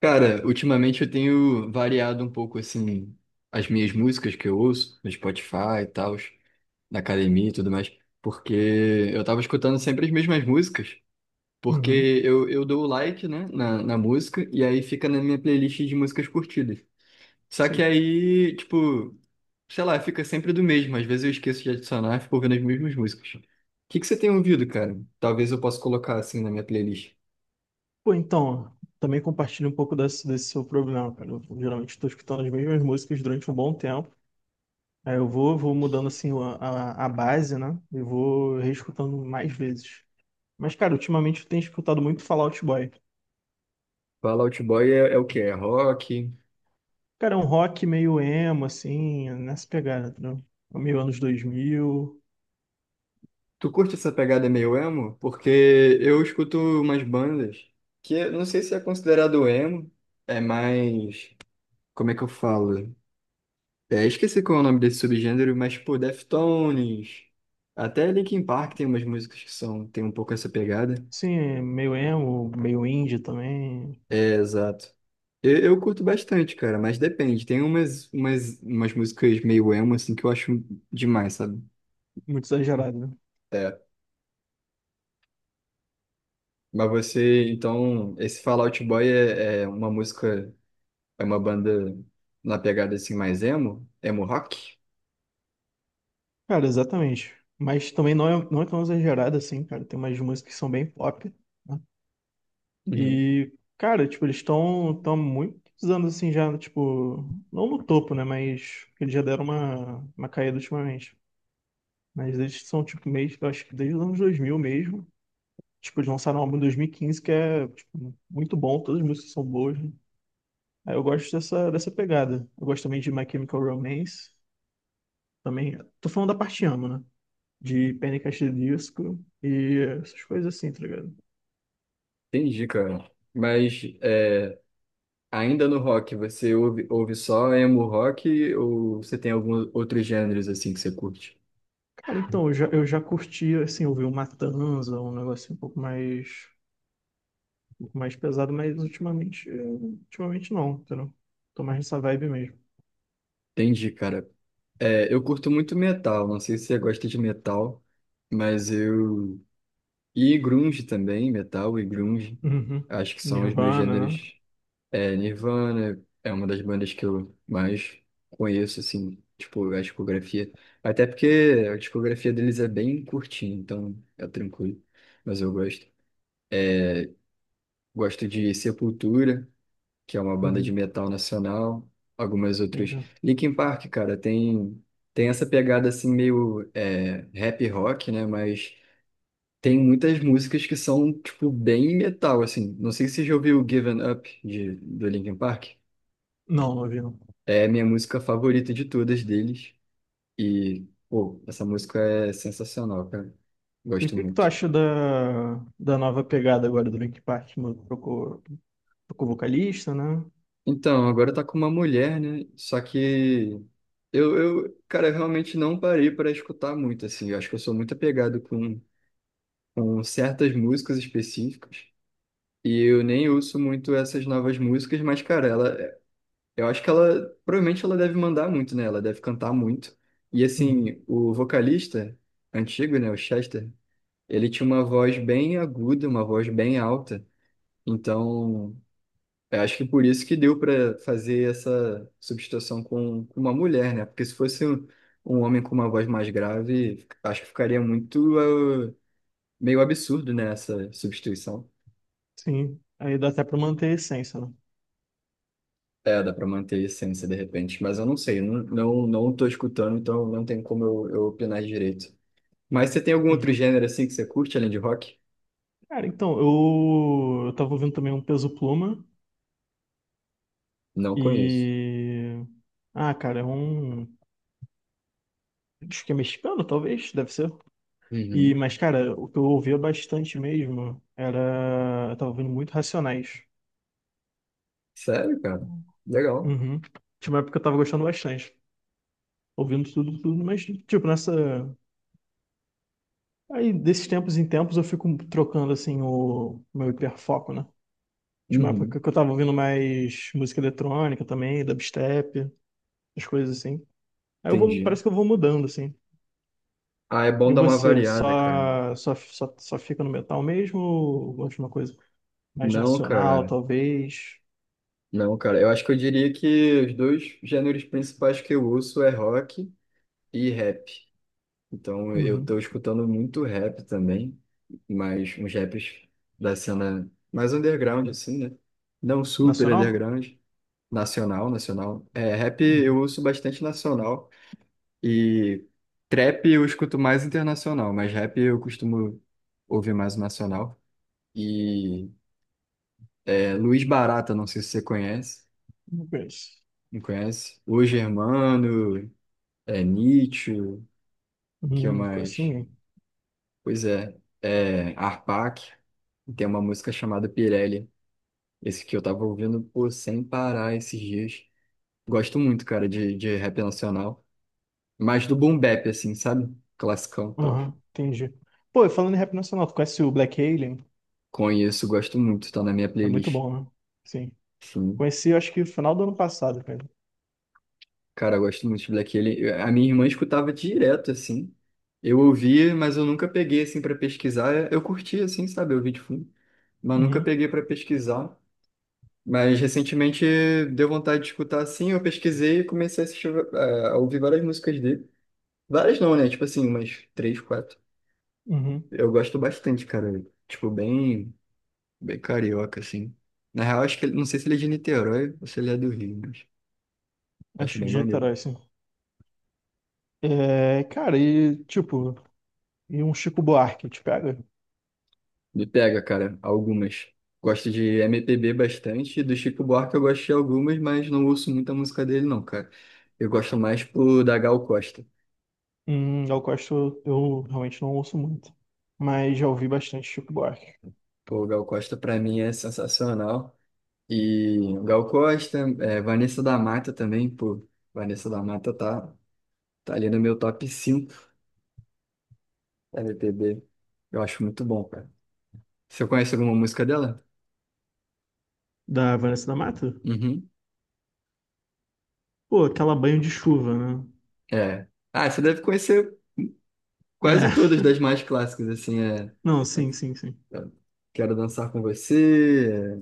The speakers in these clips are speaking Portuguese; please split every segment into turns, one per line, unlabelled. Cara, ultimamente eu tenho variado um pouco assim as minhas músicas que eu ouço no Spotify e tal, na academia e tudo mais, porque eu tava escutando sempre as mesmas músicas,
Uhum,
porque eu dou o like, né, na música e aí fica na minha playlist de músicas curtidas. Só que
sei.
aí, tipo, sei lá, fica sempre do mesmo, às vezes eu esqueço de adicionar e fico ouvindo as mesmas músicas. O que que você tem ouvido, cara? Talvez eu possa colocar assim na minha playlist.
Pô, então, também compartilho um pouco desse seu problema, cara. Eu geralmente estou escutando as mesmas músicas durante um bom tempo. Aí eu vou mudando assim a base, né? E vou reescutando mais vezes. Mas, cara, ultimamente eu tenho escutado muito Fallout Boy.
Fall Out Boy é, é o quê? É rock?
Cara, é um rock meio emo, assim, nessa pegada, entendeu? É meio anos 2000.
Tu curte essa pegada meio emo? Porque eu escuto umas bandas que eu não sei se é considerado emo, é mais. Como é que eu falo? É, esqueci qual é o nome desse subgênero, mas, pô, Deftones. Até Linkin Park tem umas músicas que são, tem um pouco essa pegada.
Sim, é meio emo, meio indie também.
É, exato. Eu curto bastante, cara, mas depende. Tem umas músicas meio emo, assim, que eu acho demais, sabe?
Muito exagerado, né?
É. Mas você, então, esse Fall Out Boy é uma música. É uma banda na pegada assim mais emo, emo rock.
Cara, exatamente. Mas também não é tão exagerado assim, cara. Tem umas músicas que são bem pop, né?
Uhum.
E, cara, tipo, eles estão tão tão há muitos anos assim já, tipo, não no topo, né? Mas eles já deram uma caída ultimamente. Mas eles são, tipo, meio, eu acho que desde os anos 2000 mesmo. Tipo, eles lançaram um álbum em 2015 que é, tipo, muito bom, todas as músicas são boas, né? Aí eu gosto dessa pegada. Eu gosto também de My Chemical Romance. Também, tô falando da parte amo, né? De Panic! At the Disco e essas coisas assim, tá ligado?
Entendi, cara. Mas é, ainda no rock, você ouve só emo rock ou você tem alguns outros gêneros assim que você curte?
Cara, então, eu já curti, assim, ouvir um Matanza, um negócio um pouco mais pesado, mas ultimamente, ultimamente não, entendeu? Tô mais nessa vibe mesmo.
Entendi, cara. É, eu curto muito metal, não sei se você gosta de metal, mas eu... E grunge também, metal e grunge,
Uhum.
acho que são os meus
Nirvana, né?
gêneros. É, Nirvana é uma das bandas que eu mais conheço, assim, tipo, a discografia. Até porque a discografia deles é bem curtinha, então é tranquilo. Mas eu gosto. Gosto de Sepultura, que é uma banda de
Uhum.
metal nacional. Algumas
Sim,
outras.
sim.
Linkin Park, cara, tem, tem essa pegada, assim, meio é, rap rock, né? Mas tem muitas músicas que são, tipo, bem metal, assim. Não sei se você já ouviu Given Up, de, do Linkin Park.
Não, não ouvi, não.
É a minha música favorita de todas deles. E, pô, essa música é sensacional, cara.
E o
Gosto
que que tu
muito.
acha da, da nova pegada agora do Linkin Park? Mano, trocou, trocou vocalista, né?
Então, agora tá com uma mulher, né? Só que eu, cara, eu realmente não parei para escutar muito, assim. Eu acho que eu sou muito apegado com certas músicas específicas. E eu nem ouço muito essas novas músicas, mas, cara, ela, eu acho que ela, provavelmente ela deve mandar muito, né? Ela deve cantar muito. E,
Uhum.
assim, o vocalista antigo, né? O Chester. Ele tinha uma voz bem aguda, uma voz bem alta. Então, eu acho que por isso que deu para fazer essa substituição com uma mulher, né? Porque se fosse um, um homem com uma voz mais grave, acho que ficaria muito, meio absurdo, né, essa substituição.
Sim. Aí dá até pra manter a essência, né?
É, dá para manter a essência de repente, mas eu não sei, eu não, não, não tô escutando, então não tem como eu opinar direito. Mas você tem algum outro
Sim.
gênero assim que você curte além de rock?
Cara, então, eu tava ouvindo também um Peso Pluma
Não conheço.
e. Ah, cara, é um. Acho que é mexicano, talvez, deve ser. E,
Uhum.
mas, cara, o que eu ouvia bastante mesmo era. Eu tava ouvindo muito Racionais.
Sério, cara? Legal.
Uhum. Tinha uma época que eu tava gostando bastante. Ouvindo tudo, tudo, mas, tipo, nessa. Aí, desses tempos em tempos, eu fico trocando, assim, o meu hiperfoco, né? Tinha uma época
Uhum.
que eu tava ouvindo mais música eletrônica também, dubstep, as coisas assim. Aí eu vou,
Entendi.
parece que eu vou mudando, assim.
Ah, é bom
E
dar uma
você,
variada, cara.
só fica no metal mesmo ou gosta de uma coisa mais
Não,
nacional,
cara.
talvez?
Não, cara. Eu acho que eu diria que os dois gêneros principais que eu uso é rock e rap. Então eu
Uhum.
tô escutando muito rap também, mas uns raps da cena mais underground, assim, né? Não super
Nacional?
underground. Nacional, nacional. É, rap eu
Uhum.
uso bastante nacional. E trap eu escuto mais internacional, mas rap eu costumo ouvir mais o nacional. E É, Luiz Barata, não sei se você conhece.
Não conheço.
Não conhece? O Germano, é, Nietzsche, que é
Uhum, conheço
mais?
ninguém.
Pois é, é Arpac. Tem uma música chamada Pirelli. Esse que eu tava ouvindo, pô, sem parar esses dias. Gosto muito, cara, de rap nacional. Mais do boom bap, assim, sabe? Classicão e tal.
Uhum, entendi. Pô, e falando em rap nacional, tu conhece o Black Alien?
Conheço, gosto muito, tá na minha
É muito
playlist.
bom, né? Sim.
Sim.
Conheci, acho que no final do ano passado, cara.
Cara, eu gosto muito de Black Alien. Eu- a minha irmã escutava direto, assim. Eu ouvia, mas eu nunca peguei, assim, pra pesquisar. Eu curti, assim, sabe? Eu ouvi de fundo. Mas nunca
Uhum,
peguei pra pesquisar. Mas recentemente deu vontade de escutar, assim. Eu pesquisei e comecei a assistir, a ouvir várias músicas dele. Várias não, né? Tipo assim, umas três, quatro.
uhum.
Eu gosto bastante, cara. Tipo, bem, bem carioca, assim. Na real, acho que ele, não sei se ele é de Niterói ou se ele é do Rio, mas acho
Acho que
bem
de
maneiro.
Niterói, sim. É, cara, e tipo, e um Chico Buarque, te pega?
Me pega, cara, algumas. Gosto de MPB bastante, do Chico Buarque eu gosto de algumas, mas não ouço muita música dele não, cara. Eu gosto mais pro da Gal Costa.
Eu gosto, eu realmente não ouço muito, mas já ouvi bastante Chico Buarque.
Pô, Gal Costa pra mim é sensacional. E Gal Costa, é, Vanessa da Mata também, pô. Vanessa da Mata tá ali no meu top 5 MPB. Eu acho muito bom, cara. Você conhece alguma música dela?
Da Vanessa da Mata?
Uhum.
Pô, aquela banho de chuva, né?
É. Ah, você deve conhecer
É,
quase todas das mais clássicas, assim, é.
não,
É
sim, sim, sim.
Quero dançar com você,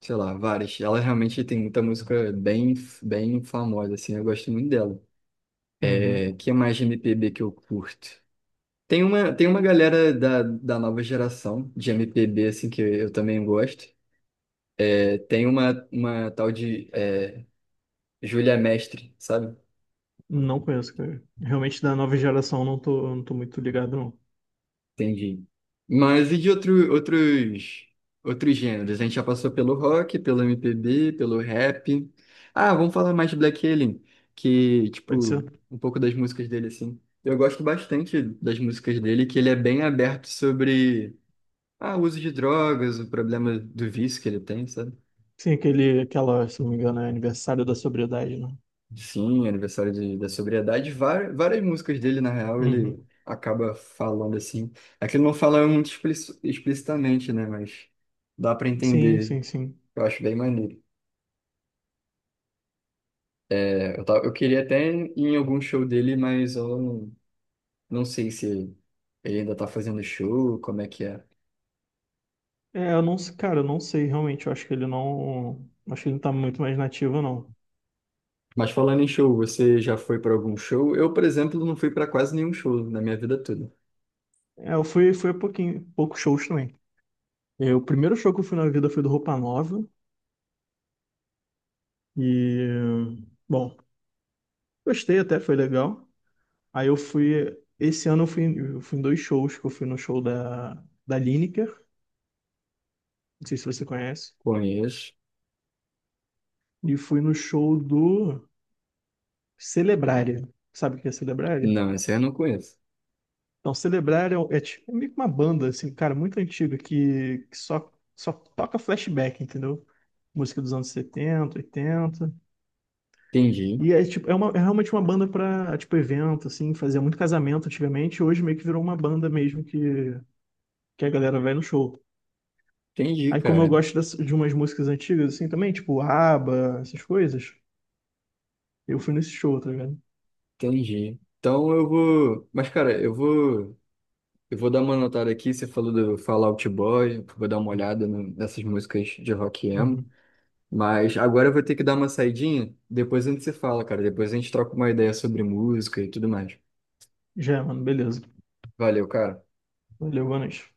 sei lá, várias. Ela realmente tem muita música bem, bem famosa, assim, eu gosto muito dela.
Uhum.
É, que é mais de MPB que eu curto? Tem uma galera da, da nova geração de MPB, assim, que eu também gosto. É, tem uma tal de é, Júlia Mestre, sabe?
Não conheço, cara. Realmente da nova geração não tô, eu não tô muito ligado, não.
Entendi. Mas e de outro, outros, outros gêneros? A gente já passou pelo rock, pelo MPB, pelo rap. Ah, vamos falar mais de Black Alien, que,
Pode
tipo,
ser?
um pouco das músicas dele, assim. Eu gosto bastante das músicas dele, que ele é bem aberto sobre ah, o uso de drogas, o problema do vício que ele tem, sabe?
Sim, aquele, aquela, se não me engano, é aniversário da sobriedade, né?
Sim, aniversário de- da sobriedade. Várias, várias músicas dele, na real, ele
Uhum.
acaba falando assim. É que ele não fala muito explici- explicitamente, né? Mas dá pra
Sim,
entender.
sim, sim.
Eu acho bem maneiro. É, eu, tava, eu queria até ir em algum show dele, mas eu não, não sei se ele ainda tá fazendo show, como é que é.
É, eu não, cara, eu não sei realmente, eu acho que ele não, acho que ele não tá muito mais nativo, não.
Mas falando em show, você já foi pra algum show? Eu, por exemplo, não fui pra quase nenhum show na minha vida toda.
É, eu fui, fui a pouquinho, poucos shows também. É, o primeiro show que eu fui na vida foi do Roupa Nova. E, bom, gostei até, foi legal. Aí eu fui. Esse ano eu fui em 2 shows, que eu fui no show da Lineker, não sei se você conhece,
Conheço?
e fui no show do Celebraria. Sabe o que é Celebraria?
Não, esse aí eu não conheço.
Então, Celebraria é, um, é tipo meio que uma banda, assim, cara, muito antiga, que só toca flashback, entendeu? Música dos anos 70 80.
Entendi.
E é, tipo, é, uma, é realmente uma banda pra, tipo, evento, assim, fazia muito casamento antigamente, e hoje meio que virou uma banda mesmo que a galera vai no show.
Entendi,
Aí como eu
cara.
gosto de umas músicas antigas, assim, também, tipo ABBA, essas coisas, eu fui nesse show, tá ligado?
Entendi. Então eu vou. Mas, cara, eu vou. Eu vou dar uma notada aqui. Você falou do Fallout Boy. Eu vou dar uma olhada no- nessas músicas de rock emo.
Uhum.
Mas agora eu vou ter que dar uma saidinha. Depois a gente se fala, cara. Depois a gente troca uma ideia sobre música e tudo mais.
Já, mano, beleza.
Valeu, cara.
Valeu, boa noite.